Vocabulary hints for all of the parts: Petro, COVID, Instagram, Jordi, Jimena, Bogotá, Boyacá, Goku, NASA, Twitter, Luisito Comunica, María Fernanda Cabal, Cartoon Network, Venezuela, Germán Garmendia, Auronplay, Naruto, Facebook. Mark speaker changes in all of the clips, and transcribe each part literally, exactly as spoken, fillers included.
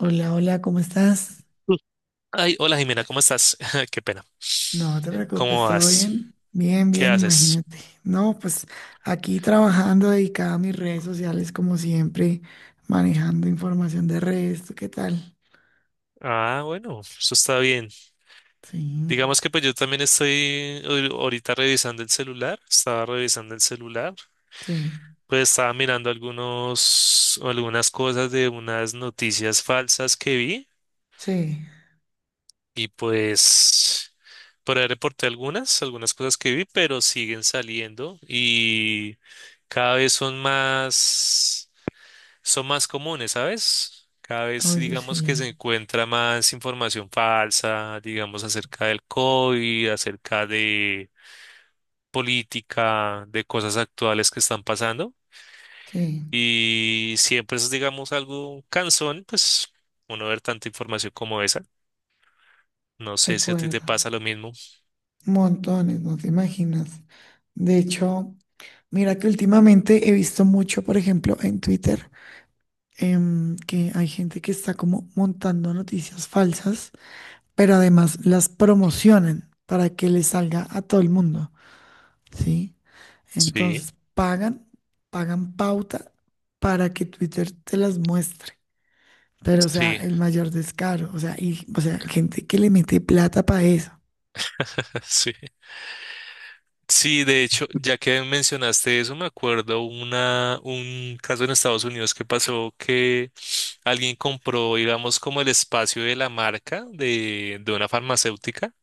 Speaker 1: Hola, hola, ¿cómo estás?
Speaker 2: Ay, hola Jimena, ¿cómo estás? Qué pena.
Speaker 1: No te preocupes,
Speaker 2: ¿Cómo
Speaker 1: ¿todo
Speaker 2: vas?
Speaker 1: bien? Bien,
Speaker 2: ¿Qué
Speaker 1: bien,
Speaker 2: haces?
Speaker 1: imagínate. No, pues aquí trabajando, dedicada a mis redes sociales, como siempre, manejando información de redes. ¿Tú qué tal?
Speaker 2: Ah, bueno, eso está bien.
Speaker 1: Sí,
Speaker 2: Digamos que pues yo también estoy ahori- ahorita revisando el celular, estaba revisando el celular,
Speaker 1: sí,
Speaker 2: pues estaba mirando algunos, algunas cosas de unas noticias falsas que vi
Speaker 1: sí.
Speaker 2: y pues por ahí reporté algunas, algunas cosas que vi, pero siguen saliendo y cada vez son más son más comunes, ¿sabes? Cada vez
Speaker 1: Oye,
Speaker 2: digamos que
Speaker 1: sí,
Speaker 2: se encuentra más información falsa, digamos, acerca del COVID, acerca de política, de cosas actuales que están pasando.
Speaker 1: sí,
Speaker 2: Y siempre es, digamos, algo cansón, pues, uno ver tanta información como esa. No
Speaker 1: de
Speaker 2: sé si a ti
Speaker 1: acuerdo.
Speaker 2: te pasa lo mismo.
Speaker 1: Montones, no te imaginas. De hecho, mira que últimamente he visto mucho, por ejemplo, en Twitter, em, que hay gente que está como montando noticias falsas pero además las promocionan para que les salga a todo el mundo, ¿sí?
Speaker 2: Sí,
Speaker 1: Entonces pagan, pagan pauta para que Twitter te las muestre. Pero, o sea,
Speaker 2: sí,
Speaker 1: el mayor descaro, o sea, y, o sea, gente que le mete plata para eso.
Speaker 2: sí. Sí, de hecho, ya que mencionaste eso, me acuerdo una, un caso en Estados Unidos que pasó que alguien compró, digamos, como el espacio de la marca de, de una farmacéutica,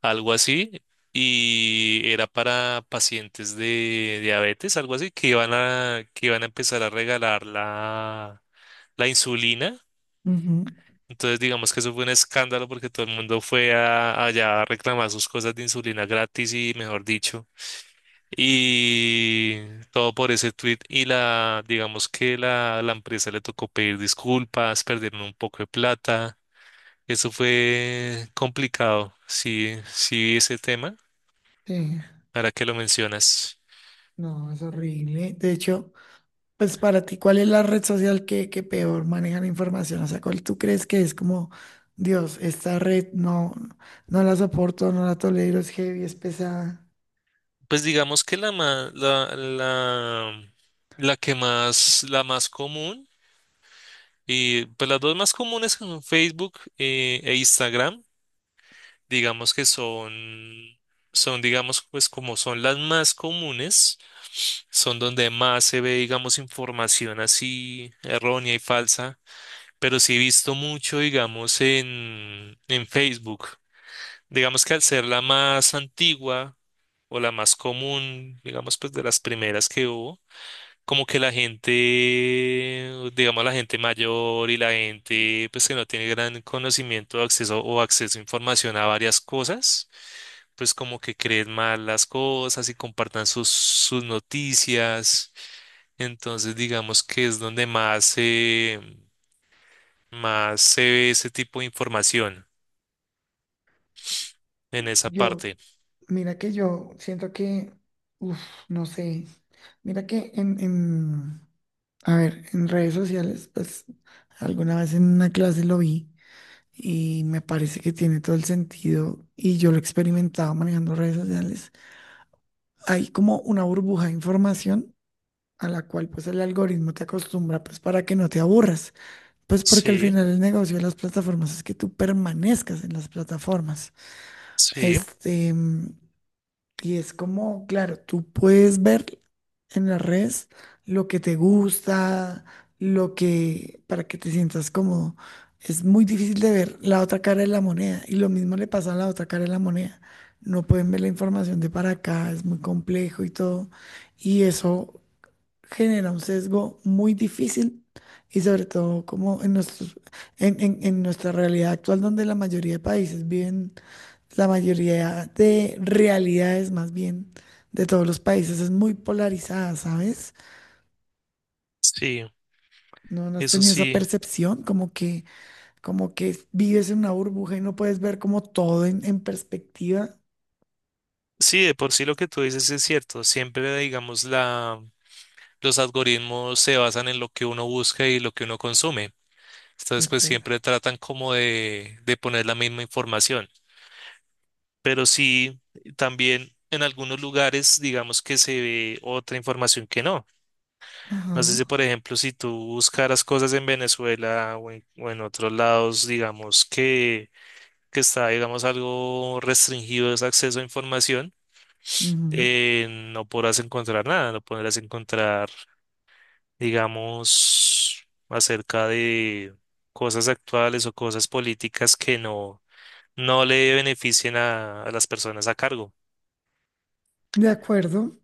Speaker 2: algo así, y era para pacientes de diabetes, algo así, que iban a, que iban a empezar a regalar la, la insulina.
Speaker 1: Ujú.
Speaker 2: Entonces, digamos que eso fue un escándalo porque todo el mundo fue a- allá a reclamar sus cosas de insulina gratis y, mejor dicho. Y todo por ese tweet. Y la, digamos que la, la empresa le tocó pedir disculpas, perdieron un poco de plata. Eso fue complicado. Sí, sí, ese tema,
Speaker 1: Sí,
Speaker 2: ahora que lo mencionas.
Speaker 1: no, es horrible. De hecho, pues para ti, ¿cuál es la red social que, que peor maneja la información? O sea, ¿cuál tú crees que es como, Dios, esta red no, no la soporto, no la tolero, es heavy, es pesada?
Speaker 2: Pues digamos que la, ma- la, la, la que más, la más común, y pues las dos más comunes son Facebook eh, e Instagram, digamos que son, son, digamos, pues como son las más comunes. Son donde más se ve, digamos, información así errónea y falsa, pero sí he visto mucho, digamos, en, en Facebook. Digamos que al ser la más antigua o la más común, digamos, pues de las primeras que hubo, como que la gente, digamos, la gente mayor y la gente, pues que no tiene gran conocimiento o acceso o acceso a información a varias cosas. Pues como que creen mal las cosas y compartan sus, sus noticias. Entonces, digamos que es donde más se, más se ve ese tipo de información en esa
Speaker 1: Yo
Speaker 2: parte.
Speaker 1: Mira que yo siento que, uff, no sé, mira que en, en, a ver, en redes sociales, pues alguna vez en una clase lo vi y me parece que tiene todo el sentido y yo lo he experimentado manejando redes sociales. Hay como una burbuja de información a la cual pues el algoritmo te acostumbra pues para que no te aburras, pues porque al
Speaker 2: Sí,
Speaker 1: final el negocio de las plataformas es que tú permanezcas en las plataformas.
Speaker 2: sí,
Speaker 1: Este, Y es como, claro, tú puedes ver en las redes lo que te gusta, lo que, para que te sientas cómodo. Es muy difícil de ver la otra cara de la moneda. Y lo mismo le pasa a la otra cara de la moneda. No pueden ver la información de para acá, es muy complejo y todo. Y eso genera un sesgo muy difícil y sobre todo como en nuestros, en, en- en nuestra realidad actual donde la mayoría de países viven, la mayoría de realidades más bien de todos los países es muy polarizada, ¿sabes?
Speaker 2: sí,
Speaker 1: ¿No, no has
Speaker 2: eso
Speaker 1: tenido esa
Speaker 2: sí.
Speaker 1: percepción como que, como que vives en una burbuja y no puedes ver como todo en, en perspectiva?
Speaker 2: Sí, de por sí lo que tú dices es cierto. Siempre, digamos, la, los algoritmos se basan en lo que uno busca y lo que uno consume.
Speaker 1: De
Speaker 2: Entonces, pues
Speaker 1: acuerdo.
Speaker 2: siempre tratan como de, de poner la misma información. Pero sí, también en algunos lugares, digamos que se ve otra información que no.
Speaker 1: Ajá.
Speaker 2: No sé si, por ejemplo, si tú buscaras cosas en Venezuela o en, o en otros lados, digamos que, que está, digamos, algo restringido ese acceso a información,
Speaker 1: Ujú.
Speaker 2: eh, no podrás encontrar nada, no podrás encontrar, digamos, acerca de cosas actuales o cosas políticas que no, no le beneficien a, a las personas a cargo.
Speaker 1: De acuerdo.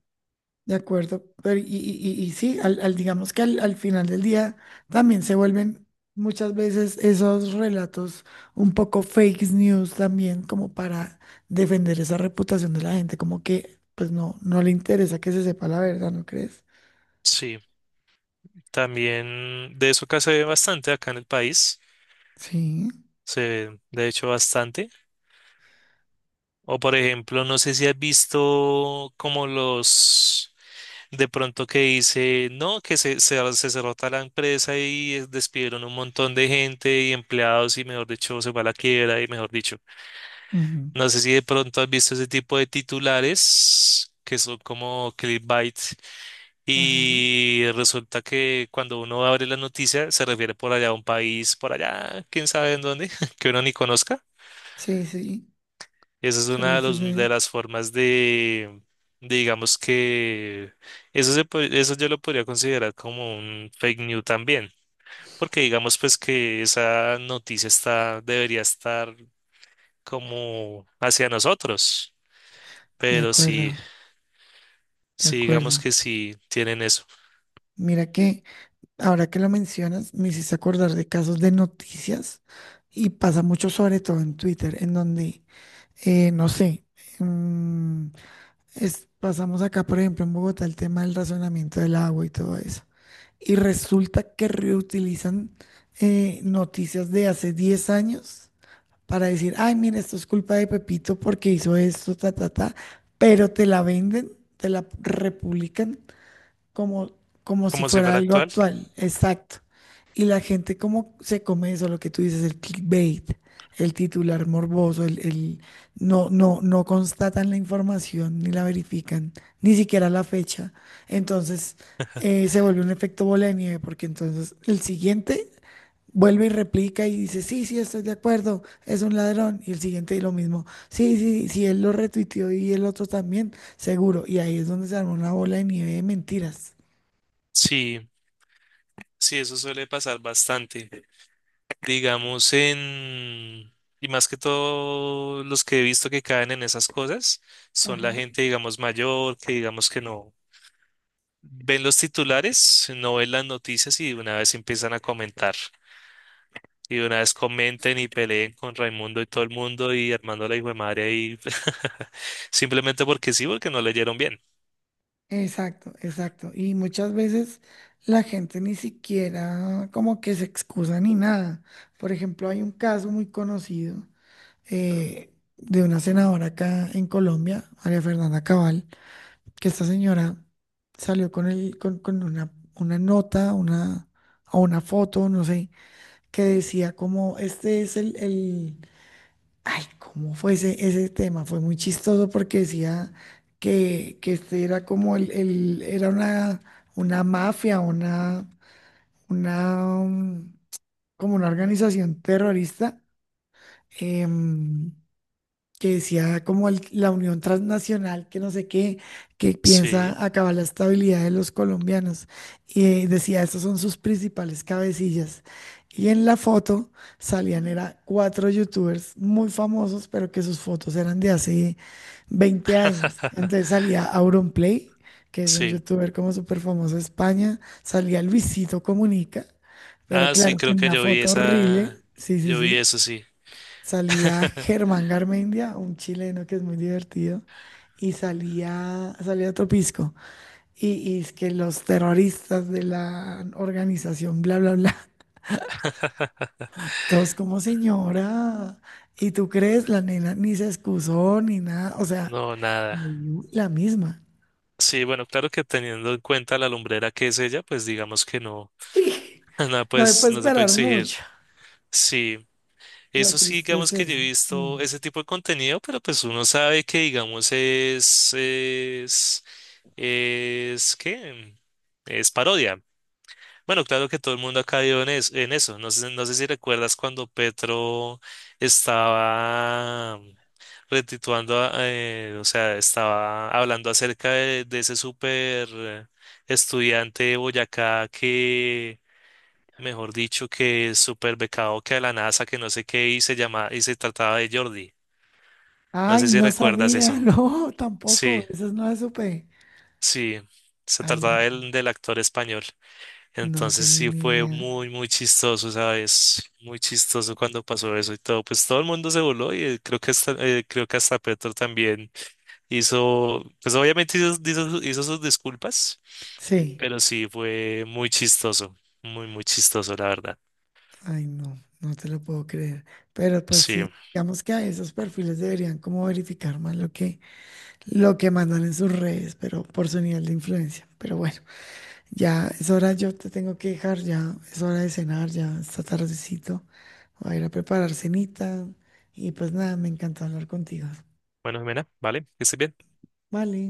Speaker 1: De acuerdo, pero y, y- y- y sí, al, al- digamos que al, al final del día también se vuelven muchas veces esos relatos un poco fake news también como para defender esa reputación de la gente, como que pues no, no le interesa que se sepa la verdad, ¿no crees?
Speaker 2: Sí, también de eso acá se ve bastante acá en el país,
Speaker 1: Sí.
Speaker 2: se ve de hecho bastante. O por ejemplo, no sé si has visto como los de pronto que dice, no, que se, se, se cerró tal empresa y eh, despidieron un montón de gente y empleados y mejor dicho se va a la quiebra y mejor dicho.
Speaker 1: Ujú.
Speaker 2: No sé si de pronto has visto ese tipo de titulares que son como clickbait
Speaker 1: Ajá.
Speaker 2: y resulta que cuando uno abre la noticia se refiere por allá a un país, por allá, quién sabe en dónde, que uno ni conozca.
Speaker 1: Sí, sí,
Speaker 2: Esa es una
Speaker 1: suele
Speaker 2: de, los- de
Speaker 1: suceder.
Speaker 2: las formas de, de, digamos que eso, se, po- eso yo lo podría considerar como un fake news también, porque digamos pues que esa noticia está, debería estar como hacia nosotros,
Speaker 1: De
Speaker 2: pero sí,
Speaker 1: acuerdo, de
Speaker 2: sí digamos
Speaker 1: acuerdo.
Speaker 2: que sí tienen eso,
Speaker 1: Mira que... Ahora que lo mencionas, me hiciste acordar de casos de noticias y pasa mucho sobre todo en Twitter, en donde, eh, no sé, mm, es- pasamos acá, por ejemplo, en Bogotá, el tema del razonamiento del agua y todo eso. Y resulta que reutilizan eh, noticias de hace diez años para decir, ay, mira, esto es culpa de Pepito porque hizo esto, ta, ta, ta, pero te la venden, te la republican como, como si
Speaker 2: como si
Speaker 1: fuera
Speaker 2: fuera
Speaker 1: algo
Speaker 2: actual,
Speaker 1: actual, exacto. Y la gente como se come eso, lo que tú dices, el clickbait, el titular morboso, el, el- no, no, no constatan la información ni la verifican, ni siquiera la fecha. Entonces eh, se vuelve un efecto bola de nieve, porque entonces el siguiente vuelve y replica y dice, sí, sí, estoy de acuerdo, es un ladrón. Y el siguiente lo mismo, sí, sí, sí, él lo retuiteó y el otro también, seguro. Y ahí es donde se arma una bola de nieve de mentiras.
Speaker 2: sí, sí, eso suele pasar bastante. Digamos, en... Y más que todo, los que he visto que caen en esas cosas son la
Speaker 1: Ajá.
Speaker 2: gente, digamos, mayor, que digamos que no ven los titulares, no ven las noticias y de una vez empiezan a comentar. Y de una vez comenten y peleen con Raimundo y todo el mundo y Armando la hijo de madre ahí. Simplemente porque sí, porque no leyeron bien.
Speaker 1: Exacto, exacto. Y muchas veces la gente ni siquiera como que se excusa ni nada. Por ejemplo, hay un caso muy conocido eh, de una senadora acá en Colombia, María Fernanda Cabal, que esta señora salió con el, con, con una, una nota, una, o una foto, no sé, que decía como este es el, el Ay, ¿cómo fue ese, ese tema? Fue muy chistoso porque decía que, que este era como el, el- era una, una mafia, una, una, mm, como una organización terrorista, em, que decía como el- la unión transnacional, que no sé qué, que
Speaker 2: Sí,
Speaker 1: piensa acabar la estabilidad de los colombianos. Y eh, decía, estos son sus principales cabecillas. Y en la foto salían, era cuatro youtubers muy famosos, pero que sus fotos eran de hace veinte años. Entonces salía Auronplay, que es un
Speaker 2: sí.
Speaker 1: youtuber como súper famoso de España, salía Luisito Comunica, pero
Speaker 2: Ah, sí,
Speaker 1: claro,
Speaker 2: creo
Speaker 1: en
Speaker 2: que
Speaker 1: una
Speaker 2: yo vi
Speaker 1: foto horrible,
Speaker 2: esa.
Speaker 1: sí, sí,
Speaker 2: Yo vi
Speaker 1: sí.
Speaker 2: eso, sí.
Speaker 1: Salía Germán Garmendia, un chileno que es muy divertido, y salía, salía otro pisco. Y, y es que los terroristas de la organización, bla, bla, bla, todos como señora. ¿Y tú crees? La nena ni se excusó ni nada. O sea,
Speaker 2: No, nada.
Speaker 1: le dio la misma.
Speaker 2: Sí, bueno, claro que teniendo en cuenta la lumbrera que es ella, pues digamos que no.
Speaker 1: Sí,
Speaker 2: No,
Speaker 1: no me
Speaker 2: pues
Speaker 1: puedo
Speaker 2: no se puede
Speaker 1: esperar
Speaker 2: exigir.
Speaker 1: mucho.
Speaker 2: Sí,
Speaker 1: Lo
Speaker 2: eso sí,
Speaker 1: triste es
Speaker 2: digamos que yo he
Speaker 1: eso.
Speaker 2: visto
Speaker 1: Mm.
Speaker 2: ese tipo de contenido, pero pues uno sabe que, digamos, es, es, es, ¿qué? Es parodia. Bueno, claro que todo el mundo ha caído en, es- en eso. No sé, no sé si recuerdas cuando Petro estaba retituando, a- eh, o sea, estaba hablando acerca de, de ese súper eh, estudiante de Boyacá que mejor dicho, que super becado que de la NASA, que no sé qué, y se llama, y se trataba de Jordi. No
Speaker 1: Ay,
Speaker 2: sé si
Speaker 1: no
Speaker 2: recuerdas
Speaker 1: sabía,
Speaker 2: eso.
Speaker 1: no,
Speaker 2: Sí,
Speaker 1: tampoco. Eso no lo supe.
Speaker 2: sí, se
Speaker 1: Ay,
Speaker 2: trataba
Speaker 1: no,
Speaker 2: del, del actor español.
Speaker 1: no
Speaker 2: Entonces
Speaker 1: tenía
Speaker 2: sí
Speaker 1: ni
Speaker 2: fue
Speaker 1: idea.
Speaker 2: muy, muy chistoso, ¿sabes? Muy chistoso cuando pasó eso y todo. Pues todo el mundo se voló y eh, creo que hasta, eh, creo que hasta Petro también hizo, pues obviamente hizo, hizo, hizo sus disculpas,
Speaker 1: Sí,
Speaker 2: pero sí fue muy chistoso, muy, muy chistoso, la verdad.
Speaker 1: ay no, no te lo puedo creer. Pero pues
Speaker 2: Sí.
Speaker 1: sí, digamos que a esos perfiles deberían como verificar más lo que, lo que mandan en sus redes, pero por su nivel de influencia. Pero bueno, ya es hora, yo te tengo que dejar, ya es hora de cenar, ya está tardecito. Voy a ir a preparar cenita y pues nada, me encanta hablar contigo.
Speaker 2: Bueno, Jimena, vale, que estés bien.
Speaker 1: Vale.